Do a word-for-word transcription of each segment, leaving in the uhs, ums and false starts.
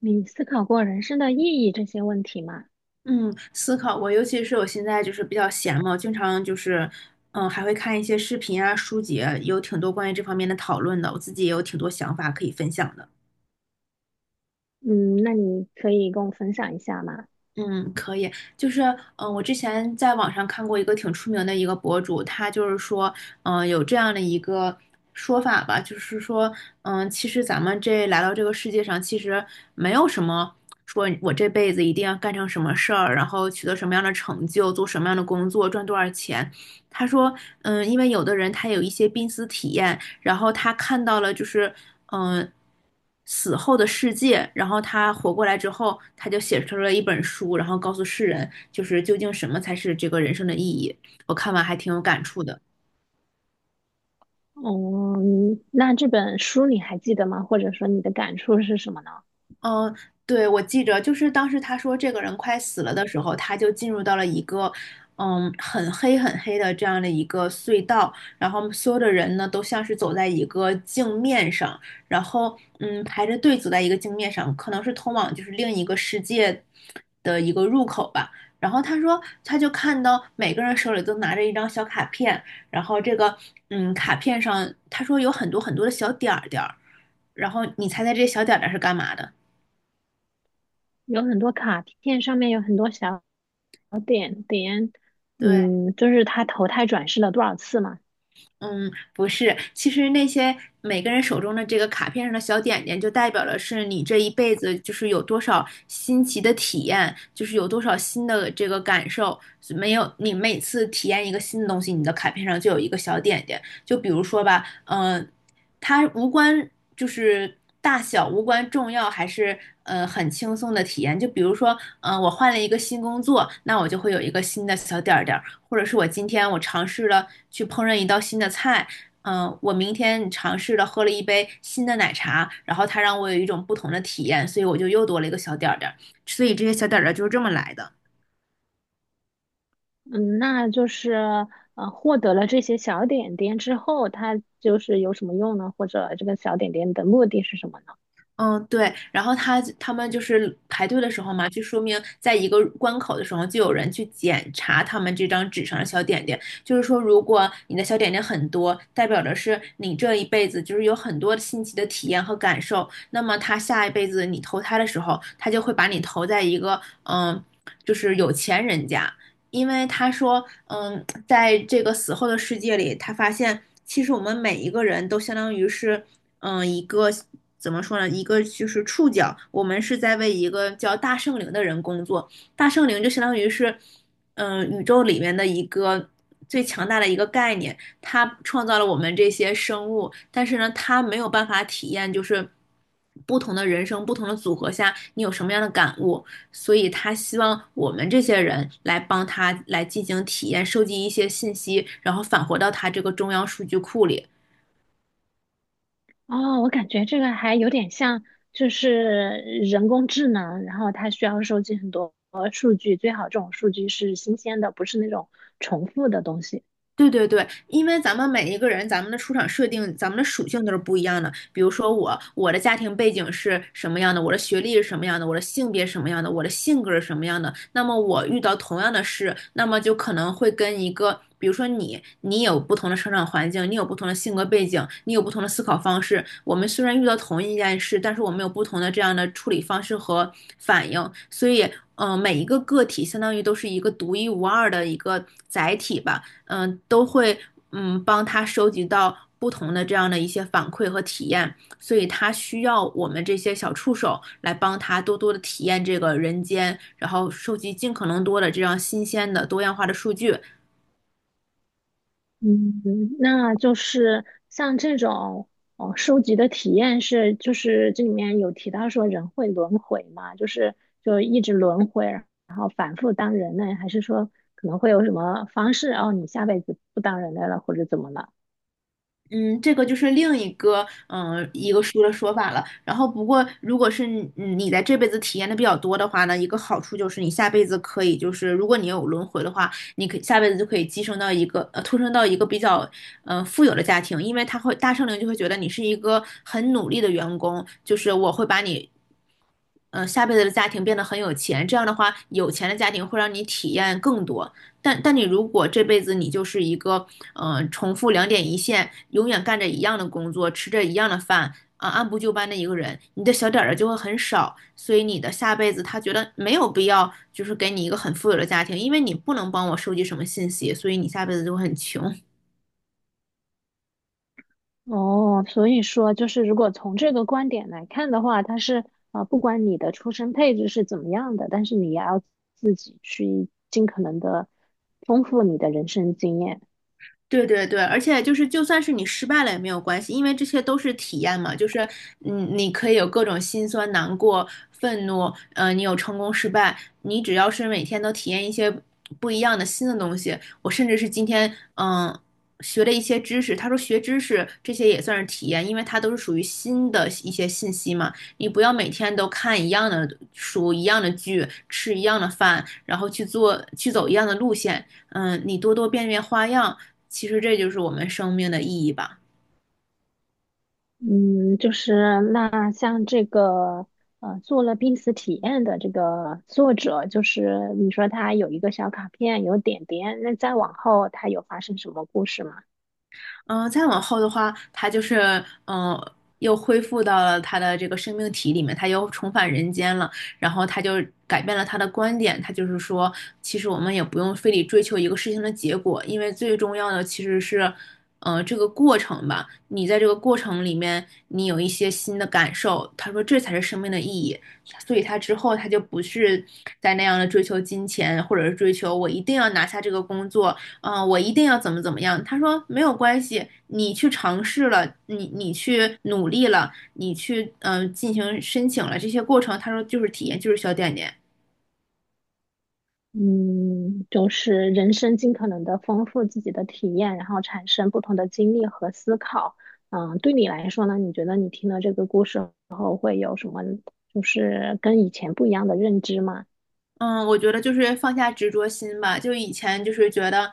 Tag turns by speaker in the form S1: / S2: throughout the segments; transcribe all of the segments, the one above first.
S1: 你思考过人生的意义这些问题吗？
S2: 嗯，思考过。尤其是我现在就是比较闲嘛，我经常就是，嗯，还会看一些视频啊、书籍啊，有挺多关于这方面的讨论的，我自己也有挺多想法可以分享的。
S1: 嗯，那你可以跟我分享一下吗？
S2: 嗯，可以，就是，嗯、我之前在网上看过一个挺出名的一个博主，他就是说，嗯、有这样的一个说法吧。就是说，嗯、其实咱们这来到这个世界上，其实没有什么说我这辈子一定要干成什么事儿，然后取得什么样的成就，做什么样的工作，赚多少钱。他说，嗯，因为有的人他有一些濒死体验，然后他看到了就是嗯、呃死后的世界，然后他活过来之后，他就写出了一本书，然后告诉世人，就是究竟什么才是这个人生的意义。我看完还挺有感触的。
S1: 哦嗯，那这本书你还记得吗？或者说你的感触是什么呢？
S2: 嗯，对，我记着，就是当时他说这个人快死了的时候，他就进入到了一个，嗯，很黑很黑的这样的一个隧道，然后所有的人呢都像是走在一个镜面上，然后嗯排着队走在一个镜面上，可能是通往就是另一个世界的一个入口吧。然后他说，他就看到每个人手里都拿着一张小卡片，然后这个嗯卡片上他说有很多很多的小点儿点儿，然后你猜猜这些小点儿点儿是干嘛的？
S1: 有很多卡片上面有很多小点点，
S2: 对，
S1: 嗯，就是他投胎转世了多少次嘛？
S2: 嗯，不是，其实那些每个人手中的这个卡片上的小点点，就代表的是你这一辈子就是有多少新奇的体验，就是有多少新的这个感受。没有，你每次体验一个新的东西，你的卡片上就有一个小点点。就比如说吧，嗯、它无关就是大小，无关重要，还是呃很轻松的体验。就比如说，嗯、我换了一个新工作，那我就会有一个新的小点儿点儿。或者是我今天我尝试了去烹饪一道新的菜，嗯，呃我明天尝试了喝了一杯新的奶茶，然后它让我有一种不同的体验，所以我就又多了一个小点儿点儿。所以这些小点儿点儿就是这么来的。
S1: 嗯，那就是呃，获得了这些小点点之后，他就是有什么用呢？或者这个小点点的目的是什么呢？
S2: 嗯，对，然后他他们就是排队的时候嘛，就说明在一个关口的时候，就有人去检查他们这张纸上的小点点。就是说，如果你的小点点很多，代表着是你这一辈子就是有很多新奇的体验和感受。那么他下一辈子你投胎的时候，他就会把你投在一个嗯，就是有钱人家。因为他说嗯，在这个死后的世界里，他发现其实我们每一个人都相当于是。嗯、呃一个怎么说呢？一个就是触角，我们是在为一个叫大圣灵的人工作。大圣灵就相当于是，嗯、呃宇宙里面的一个最强大的一个概念。它创造了我们这些生物，但是呢，它没有办法体验就是不同的人生、不同的组合下你有什么样的感悟，所以他希望我们这些人来帮他来进行体验，收集一些信息，然后返回到他这个中央数据库里。
S1: 哦，我感觉这个还有点像，就是人工智能，然后它需要收集很多数据，最好这种数据是新鲜的，不是那种重复的东西。
S2: 对对对，因为咱们每一个人，咱们的出场设定，咱们的属性都是不一样的。比如说我，我的家庭背景是什么样的，我的学历是什么样的，我的性别是什么样的，我的性格是什么样的。那么我遇到同样的事，那么就可能会跟一个，比如说你，你有不同的成长环境，你有不同的性格背景，你有不同的思考方式。我们虽然遇到同一件事，但是我们有不同的这样的处理方式和反应。所以，嗯、每一个个体相当于都是一个独一无二的一个载体吧。嗯，呃都会嗯帮他收集到不同的这样的一些反馈和体验，所以他需要我们这些小触手来帮他多多的体验这个人间，然后收集尽可能多的这样新鲜的多样化的数据。
S1: 嗯，那就是像这种哦，收集的体验是，就是这里面有提到说人会轮回嘛，就是就一直轮回，然后反复当人类，还是说可能会有什么方式，哦，你下辈子不当人类了，或者怎么了？
S2: 嗯，这个就是另一个嗯、呃一个书的说法了。然后不过，如果是你嗯你在这辈子体验的比较多的话呢，一个好处就是你下辈子可以就是如果你有轮回的话，你可以下辈子就可以寄生到一个呃托生到一个比较嗯、呃富有的家庭。因为他会大圣灵就会觉得你是一个很努力的员工，就是我会把你。嗯，呃下辈子的家庭变得很有钱，这样的话，有钱的家庭会让你体验更多。但但你如果这辈子你就是一个，嗯，重复两点一线，永远干着一样的工作，吃着一样的饭，啊，按部就班的一个人，你的小点儿就会很少，所以你的下辈子他觉得没有必要，就是给你一个很富有的家庭。因为你不能帮我收集什么信息，所以你下辈子就会很穷。
S1: 哦，所以说就是，如果从这个观点来看的话，它是啊、呃不管你的出生配置是怎么样的，但是你也要自己去尽可能的丰富你的人生经验。
S2: 对对对，而且就是，就算是你失败了也没有关系，因为这些都是体验嘛。就是，嗯，你可以有各种心酸、难过、愤怒，呃，你有成功、失败，你只要是每天都体验一些不一样的新的东西。我甚至是今天，嗯，学了一些知识。他说学知识这些也算是体验，因为它都是属于新的一些信息嘛。你不要每天都看一样的书、一样的剧、吃一样的饭，然后去做、去走一样的路线。嗯，你多多变变花样。其实这就是我们生命的意义吧。
S1: 嗯，就是那像这个呃，做了濒死体验的这个作者，就是你说他有一个小卡片，有点点，那再往后他有发生什么故事吗？
S2: 嗯、呃再往后的话，他就是嗯、呃又恢复到了他的这个生命体里面，他又重返人间了。然后他就改变了他的观点，他就是说，其实我们也不用非得追求一个事情的结果，因为最重要的其实是，呃，这个过程吧。你在这个过程里面，你有一些新的感受，他说这才是生命的意义。所以他之后他就不是在那样的追求金钱，或者是追求我一定要拿下这个工作，嗯、呃我一定要怎么怎么样。他说没有关系，你去尝试了，你你去努力了，你去嗯、呃进行申请了，这些过程，他说就是体验，就是小点点。
S1: 嗯，就是人生尽可能的丰富自己的体验，然后产生不同的经历和思考。嗯，对你来说呢，你觉得你听了这个故事后会有什么，就是跟以前不一样的认知吗？
S2: 嗯，我觉得就是放下执着心吧。就以前就是觉得，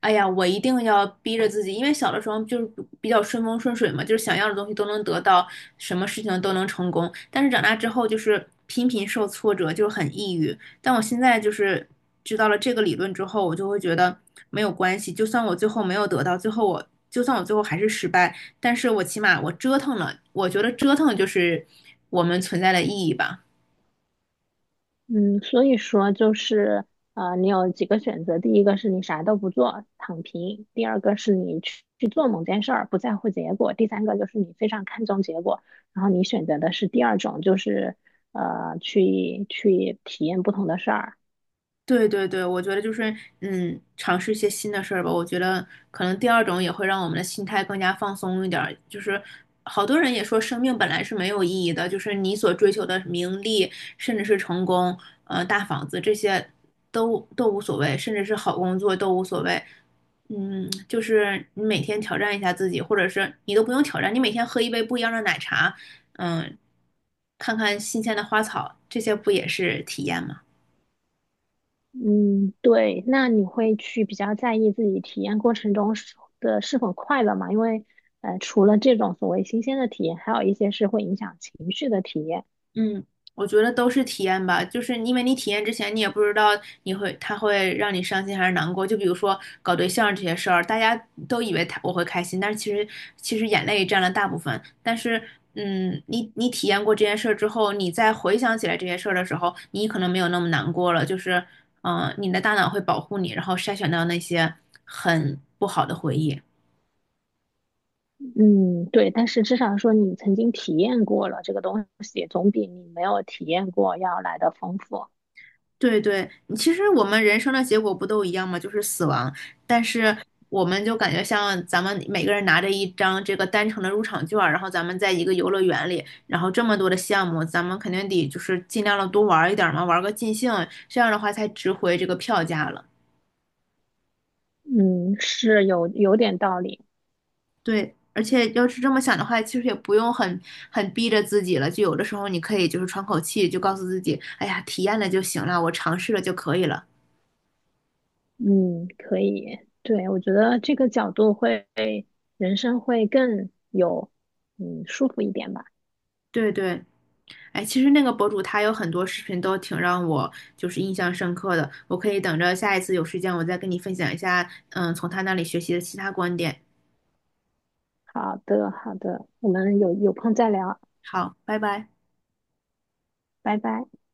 S2: 哎呀，我一定要逼着自己，因为小的时候就是比较顺风顺水嘛，就是想要的东西都能得到，什么事情都能成功。但是长大之后就是频频受挫折，就是很抑郁。但我现在就是知道了这个理论之后，我就会觉得没有关系，就算我最后没有得到，最后我就算我最后还是失败，但是我起码我折腾了，我觉得折腾就是我们存在的意义吧。
S1: 嗯，所以说就是呃，你有几个选择，第一个是你啥都不做，躺平；第二个是你去去做某件事儿，不在乎结果；第三个就是你非常看重结果，然后你选择的是第二种，就是呃，去去体验不同的事儿。
S2: 对对对，我觉得就是嗯，尝试一些新的事儿吧。我觉得可能第二种也会让我们的心态更加放松一点儿。就是好多人也说，生命本来是没有意义的，就是你所追求的名利，甚至是成功，呃，大房子这些都都无所谓，甚至是好工作都无所谓。嗯，就是你每天挑战一下自己，或者是你都不用挑战，你每天喝一杯不一样的奶茶，嗯，看看新鲜的花草，这些不也是体验吗？
S1: 嗯，对，那你会去比较在意自己体验过程中是的是否快乐嘛？因为呃，除了这种所谓新鲜的体验，还有一些是会影响情绪的体验。
S2: 嗯，我觉得都是体验吧。就是因为你体验之前，你也不知道你会他会让你伤心还是难过。就比如说搞对象这些事儿，大家都以为他我会开心，但是其实其实眼泪占了大部分。但是，嗯，你你体验过这件事儿之后，你再回想起来这些事儿的时候，你可能没有那么难过了。就是，嗯、你的大脑会保护你，然后筛选到那些很不好的回忆。
S1: 嗯，对，但是至少说你曾经体验过了这个东西，总比你没有体验过要来的丰富。
S2: 对对，其实我们人生的结果不都一样吗？就是死亡。但是我们就感觉像咱们每个人拿着一张这个单程的入场券儿，然后咱们在一个游乐园里，然后这么多的项目，咱们肯定得就是尽量的多玩儿一点儿嘛，玩儿个尽兴，这样的话才值回这个票价了。
S1: 嗯，是有有点道理。
S2: 对，而且要是这么想的话，其实也不用很很逼着自己了。就有的时候你可以就是喘口气，就告诉自己，哎呀，体验了就行了，我尝试了就可以了。
S1: 嗯，可以，对，我觉得这个角度会，人生会更有嗯舒服一点吧。
S2: 对对。哎，其实那个博主他有很多视频都挺让我就是印象深刻的，我可以等着下一次有时间我再跟你分享一下，嗯，从他那里学习的其他观点。
S1: 好的，好的，我们有有空再聊，
S2: 好，拜拜。
S1: 拜拜。